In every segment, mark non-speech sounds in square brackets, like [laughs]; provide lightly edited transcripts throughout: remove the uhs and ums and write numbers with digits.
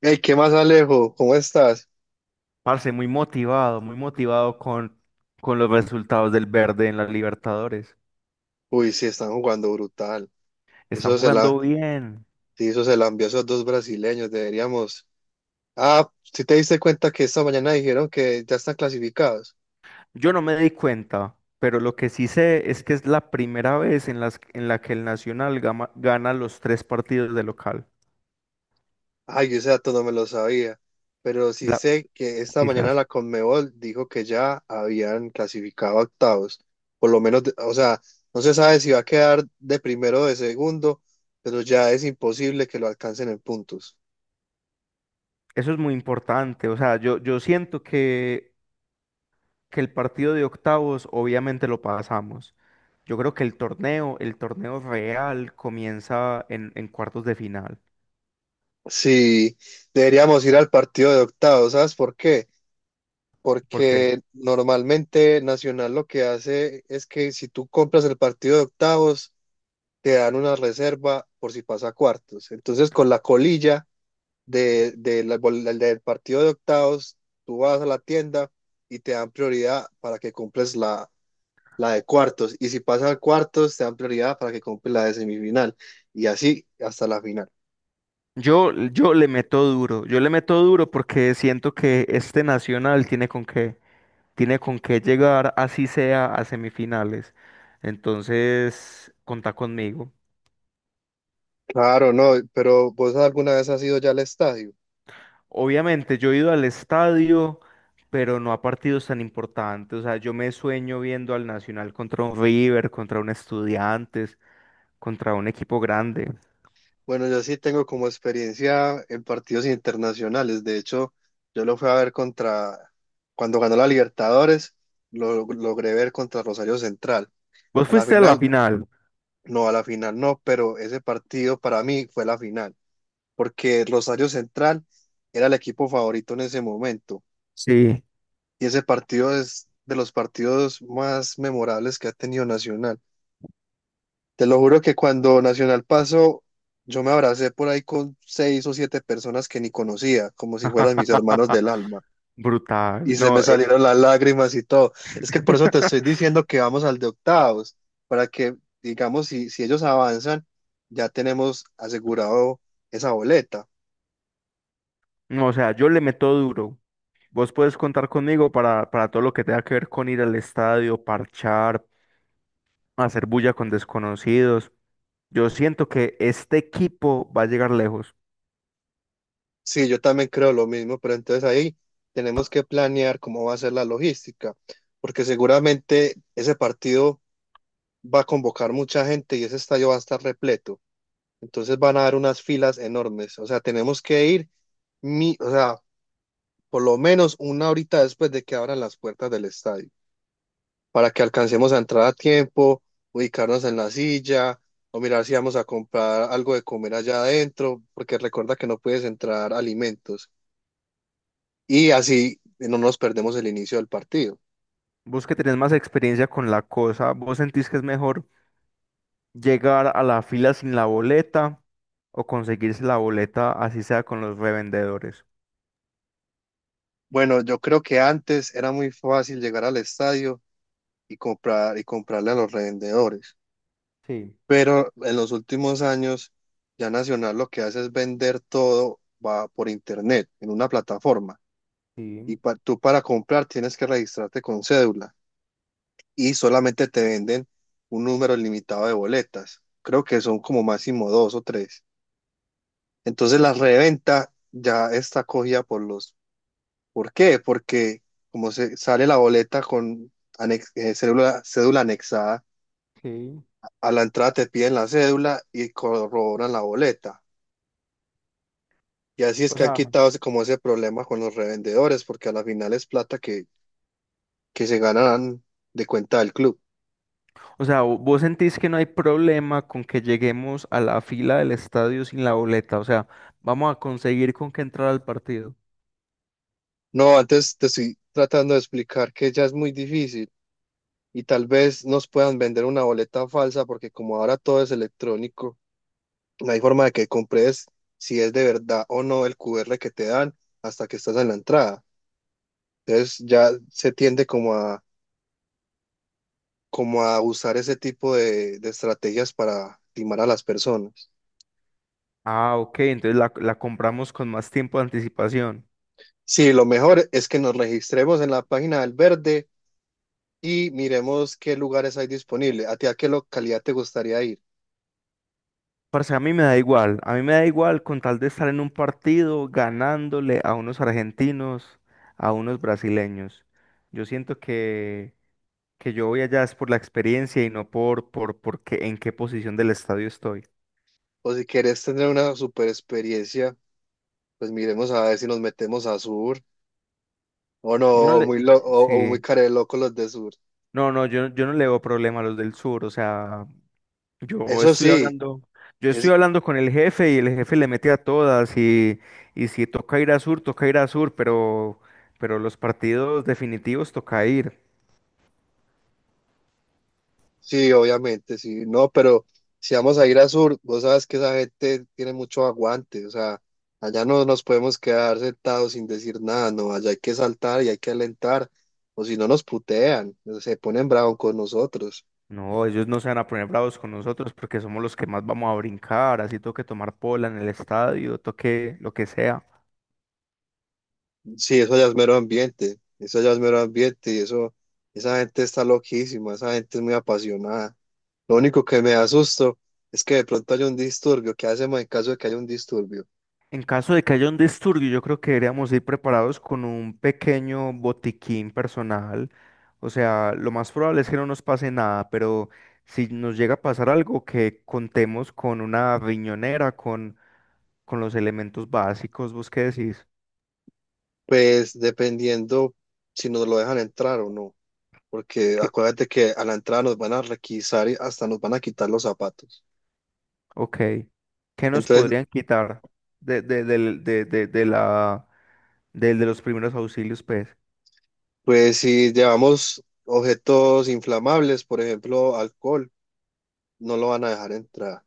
Hey, ¿qué más, Alejo? ¿Cómo estás? Parce, muy motivado con los resultados del verde en las Libertadores. Uy, sí, están jugando brutal. Están Eso se la, jugando bien. sí, eso se la envió a esos dos brasileños. Deberíamos. Ah, ¿si te diste cuenta que esta mañana dijeron que ya están clasificados? Yo no me di cuenta, pero lo que sí sé es que es la primera vez en la que el Nacional gana los tres partidos de local. Ay, yo ese dato no me lo sabía. Pero sí La- sé que esta mañana Quizás. la Conmebol dijo que ya habían clasificado a octavos. Por lo menos, o sea, no se sabe si va a quedar de primero o de segundo, pero ya es imposible que lo alcancen en puntos. Eso es muy importante. O sea, yo siento que el partido de octavos obviamente lo pasamos. Yo creo que el torneo real comienza en cuartos de final. Sí, deberíamos ir al partido de octavos, ¿sabes por qué? ¿Por qué? Porque normalmente Nacional lo que hace es que si tú compras el partido de octavos, te dan una reserva por si pasa a cuartos. Entonces, con la colilla de la- del del partido de octavos, tú vas a la tienda y te dan prioridad para que compres la, la de cuartos. Y si pasa a cuartos, te dan prioridad para que compres la de semifinal. Y así hasta la final. Yo le meto duro, yo le meto duro porque siento que este Nacional tiene con qué llegar, así sea, a semifinales. Entonces, contá conmigo. Claro, no, pero ¿vos alguna vez has ido ya al estadio? Obviamente, yo he ido al estadio, pero no a partidos tan importantes. O sea, yo me sueño viendo al Nacional contra un River, contra un Estudiantes, contra un equipo grande. Bueno, yo sí tengo como experiencia en partidos internacionales. De hecho, yo lo fui a ver contra, cuando ganó la Libertadores, lo logré ver contra Rosario Central. ¿Vos A la fuiste a la final, final? no, a la final no, pero ese partido para mí fue la final, porque Rosario Central era el equipo favorito en ese momento. Sí. Y ese partido es de los partidos más memorables que ha tenido Nacional. Te lo juro que cuando Nacional pasó, yo me abracé por ahí con seis o siete personas que ni conocía, como si fueran mis hermanos [laughs] del alma. Brutal. Y se me No, salieron las lágrimas y todo. Es que por eso te estoy [laughs] diciendo que vamos al de octavos, para que, digamos, si, si ellos avanzan, ya tenemos asegurado esa boleta. No, o sea, yo le meto duro. Vos puedes contar conmigo para todo lo que tenga que ver con ir al estadio, parchar, hacer bulla con desconocidos. Yo siento que este equipo va a llegar lejos. Sí, yo también creo lo mismo, pero entonces ahí tenemos que planear cómo va a ser la logística, porque seguramente ese partido va a convocar mucha gente y ese estadio va a estar repleto. Entonces van a dar unas filas enormes. O sea, tenemos que ir, o sea, por lo menos una horita después de que abran las puertas del estadio, para que alcancemos a entrar a tiempo, ubicarnos en la silla, o mirar si vamos a comprar algo de comer allá adentro, porque recuerda que no puedes entrar alimentos. Y así no nos perdemos el inicio del partido. Vos que tenés más experiencia con la cosa, ¿vos sentís que es mejor llegar a la fila sin la boleta o conseguirse la boleta así sea con los revendedores? Bueno, yo creo que antes era muy fácil llegar al estadio y comprar y comprarle a los revendedores. Sí, Pero en los últimos años, ya Nacional lo que hace es vender todo va por internet, en una plataforma. Y sí, tú para comprar tienes que registrarte con cédula y solamente te venden un número limitado de boletas. Creo que son como máximo dos o tres. Entonces la reventa ya está cogida por los... ¿Por qué? Porque como se sale la boleta con cédula anexada, sí. a la entrada te piden la cédula y corroboran la boleta. Y así es O que han sea, quitado como ese problema con los revendedores, porque a la final es plata que se ganan de cuenta del club. Vos sentís que no hay problema con que lleguemos a la fila del estadio sin la boleta. O sea, vamos a conseguir con que entrar al partido. No, antes te estoy tratando de explicar que ya es muy difícil y tal vez nos puedan vender una boleta falsa, porque como ahora todo es electrónico, no hay forma de que compres si es de verdad o no el QR que te dan hasta que estás en la entrada. Entonces ya se tiende como a, como a usar ese tipo de estrategias para timar a las personas. Ah, ok, entonces la compramos con más tiempo de anticipación. Sí, lo mejor es que nos registremos en la página del Verde y miremos qué lugares hay disponibles. ¿A ti a qué localidad te gustaría ir? Parce, a mí me da igual. A mí me da igual con tal de estar en un partido ganándole a unos argentinos, a unos brasileños. Yo siento que yo voy allá es por la experiencia y no en qué posición del estadio estoy. O si quieres tener una super experiencia, pues miremos a ver si nos metemos a Sur o no, Yo no o le... muy, lo- o, o muy Sí. care de loco los de Sur. No, no, yo no le veo problema a los del sur, o sea, yo Eso estoy sí, hablando, yo estoy es, hablando con el jefe y el jefe le mete a todas y si toca ir a sur, toca ir a sur, pero los partidos definitivos toca ir. Sí, obviamente, sí, no, pero si vamos a ir a sur, vos sabes que esa gente tiene mucho aguante, o sea, allá no nos podemos quedar sentados sin decir nada, no, allá hay que saltar y hay que alentar, o si no nos putean, se ponen bravos con nosotros. No, ellos no se van a poner bravos con nosotros porque somos los que más vamos a brincar, así toque tomar pola en el estadio, toque lo que sea. Sí, eso ya es mero ambiente, eso ya es mero ambiente y eso, esa gente está loquísima, esa gente es muy apasionada. Lo único que me da susto es que de pronto haya un disturbio, ¿qué hacemos en caso de que haya un disturbio? En caso de que haya un disturbio, yo creo que deberíamos ir preparados con un pequeño botiquín personal. O sea, lo más probable es que no nos pase nada, pero si nos llega a pasar algo, que contemos con una riñonera, con los elementos básicos. ¿Vos qué decís? Pues dependiendo si nos lo dejan entrar o no. Porque ¿Qué- acuérdate que a la entrada nos van a requisar y hasta nos van a quitar los zapatos. Ok. ¿Qué nos Entonces, podrían quitar de, del- de la, del- de los primeros auxilios, pues? pues si llevamos objetos inflamables, por ejemplo, alcohol, no lo van a dejar entrar.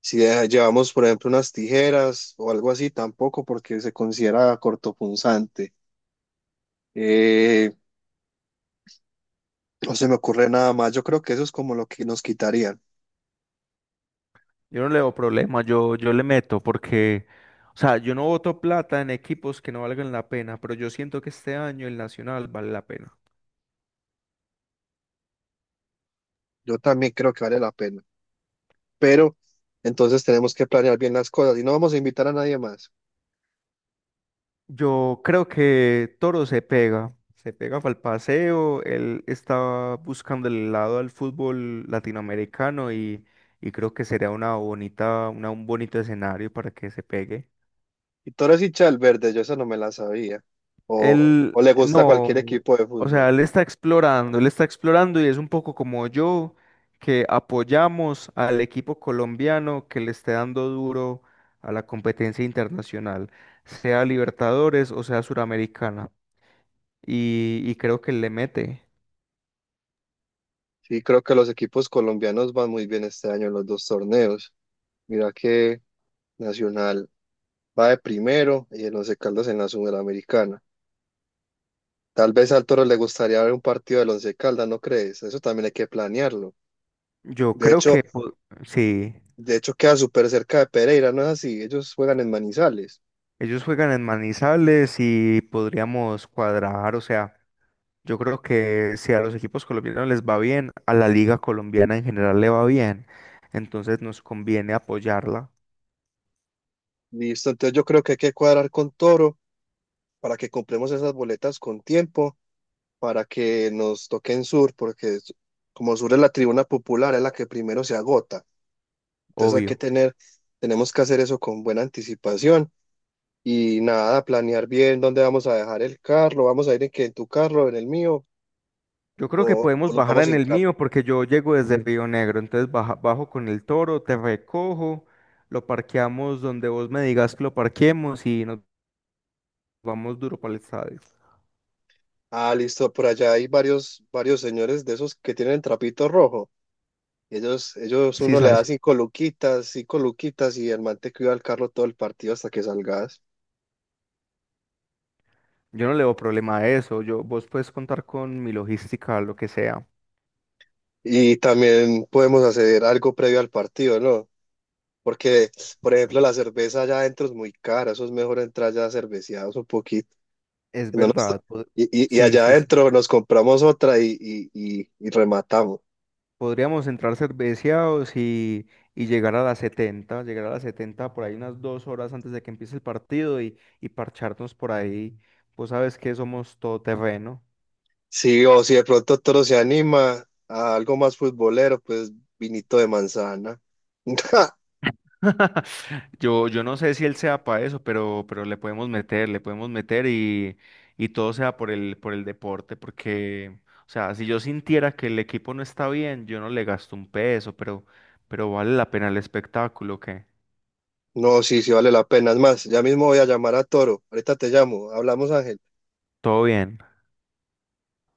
Si llevamos, por ejemplo, unas tijeras o algo así, tampoco, porque se considera cortopunzante. Eh, no se me ocurre nada más. Yo creo que eso es como lo que nos quitarían. Yo no le veo problema, yo le meto porque, o sea, yo no voto plata en equipos que no valgan la pena, pero yo siento que este año el Nacional vale la pena. Yo también creo que vale la pena. Pero entonces tenemos que planear bien las cosas y no vamos a invitar a nadie más. Yo creo que Toro se pega para el paseo, él está buscando el lado al fútbol latinoamericano y creo que sería una bonita, una, un bonito escenario para que se pegue. ¿Y Toro es hincha del verde? Yo esa no me la sabía. O Él, le gusta no, cualquier equipo de o sea, fútbol. Él está explorando y es un poco como yo, que apoyamos al equipo colombiano que le esté dando duro a la competencia internacional, sea Libertadores o sea Suramericana. Y creo que le mete. Sí, creo que los equipos colombianos van muy bien este año en los dos torneos. Mira que Nacional va de primero y el Once Caldas en la Sudamericana. Tal vez al Toro le gustaría ver un partido del Once Caldas, ¿no crees? Eso también hay que planearlo. Yo De creo hecho, que sí, de hecho queda súper cerca de Pereira, ¿no es así? Ellos juegan en Manizales. ellos juegan en Manizales y podríamos cuadrar, o sea. Yo creo que si a los equipos colombianos les va bien, a la liga colombiana en general le va bien. Entonces nos conviene apoyarla, Listo, entonces yo creo que hay que cuadrar con Toro para que compremos esas boletas con tiempo para que nos toquen Sur, porque como Sur es la tribuna popular, es la que primero se agota. Entonces hay que obvio. tener, tenemos que hacer eso con buena anticipación y nada, planear bien dónde vamos a dejar el carro, vamos a ir en, qué, en tu carro, en el mío, Yo creo que o podemos nos bajar vamos en sin el carro. mío porque yo llego desde Río Negro. Entonces bajo con el toro, te recojo, lo parqueamos donde vos me digas que lo parqueemos y nos vamos duro para el estadio. Ah, listo, por allá hay varios, varios señores de esos que tienen trapito rojo. Ellos Sí, uno le da sabes. Cinco luquitas y el man te cuida el carro todo el partido hasta que salgas. Yo no le veo problema a eso. Yo, vos puedes contar con mi logística, lo que sea. Y también podemos hacer algo previo al partido, ¿no? Porque, por ejemplo, la cerveza allá adentro es muy cara, eso es mejor entrar ya cerveceados un poquito. Es Que no nos- verdad. Y Sí, allá sí, sí, adentro sí. nos compramos otra y rematamos. Podríamos entrar cerveceados y llegar a las 70, llegar a las 70 por ahí unas 2 horas antes de que empiece el partido y parcharnos por ahí. Vos sabes que somos todoterreno. Sí, o si de pronto Toro se anima a algo más futbolero, pues vinito de manzana. [laughs] [laughs] Yo no sé si él sea para eso, pero le podemos meter y todo sea por el deporte, porque, o sea, si yo sintiera que el equipo no está bien, yo no le gasto un peso, pero vale la pena el espectáculo, que No, sí, sí vale la pena. Es más, ya mismo voy a llamar a Toro. Ahorita te llamo. Hablamos, Ángel. todo bien.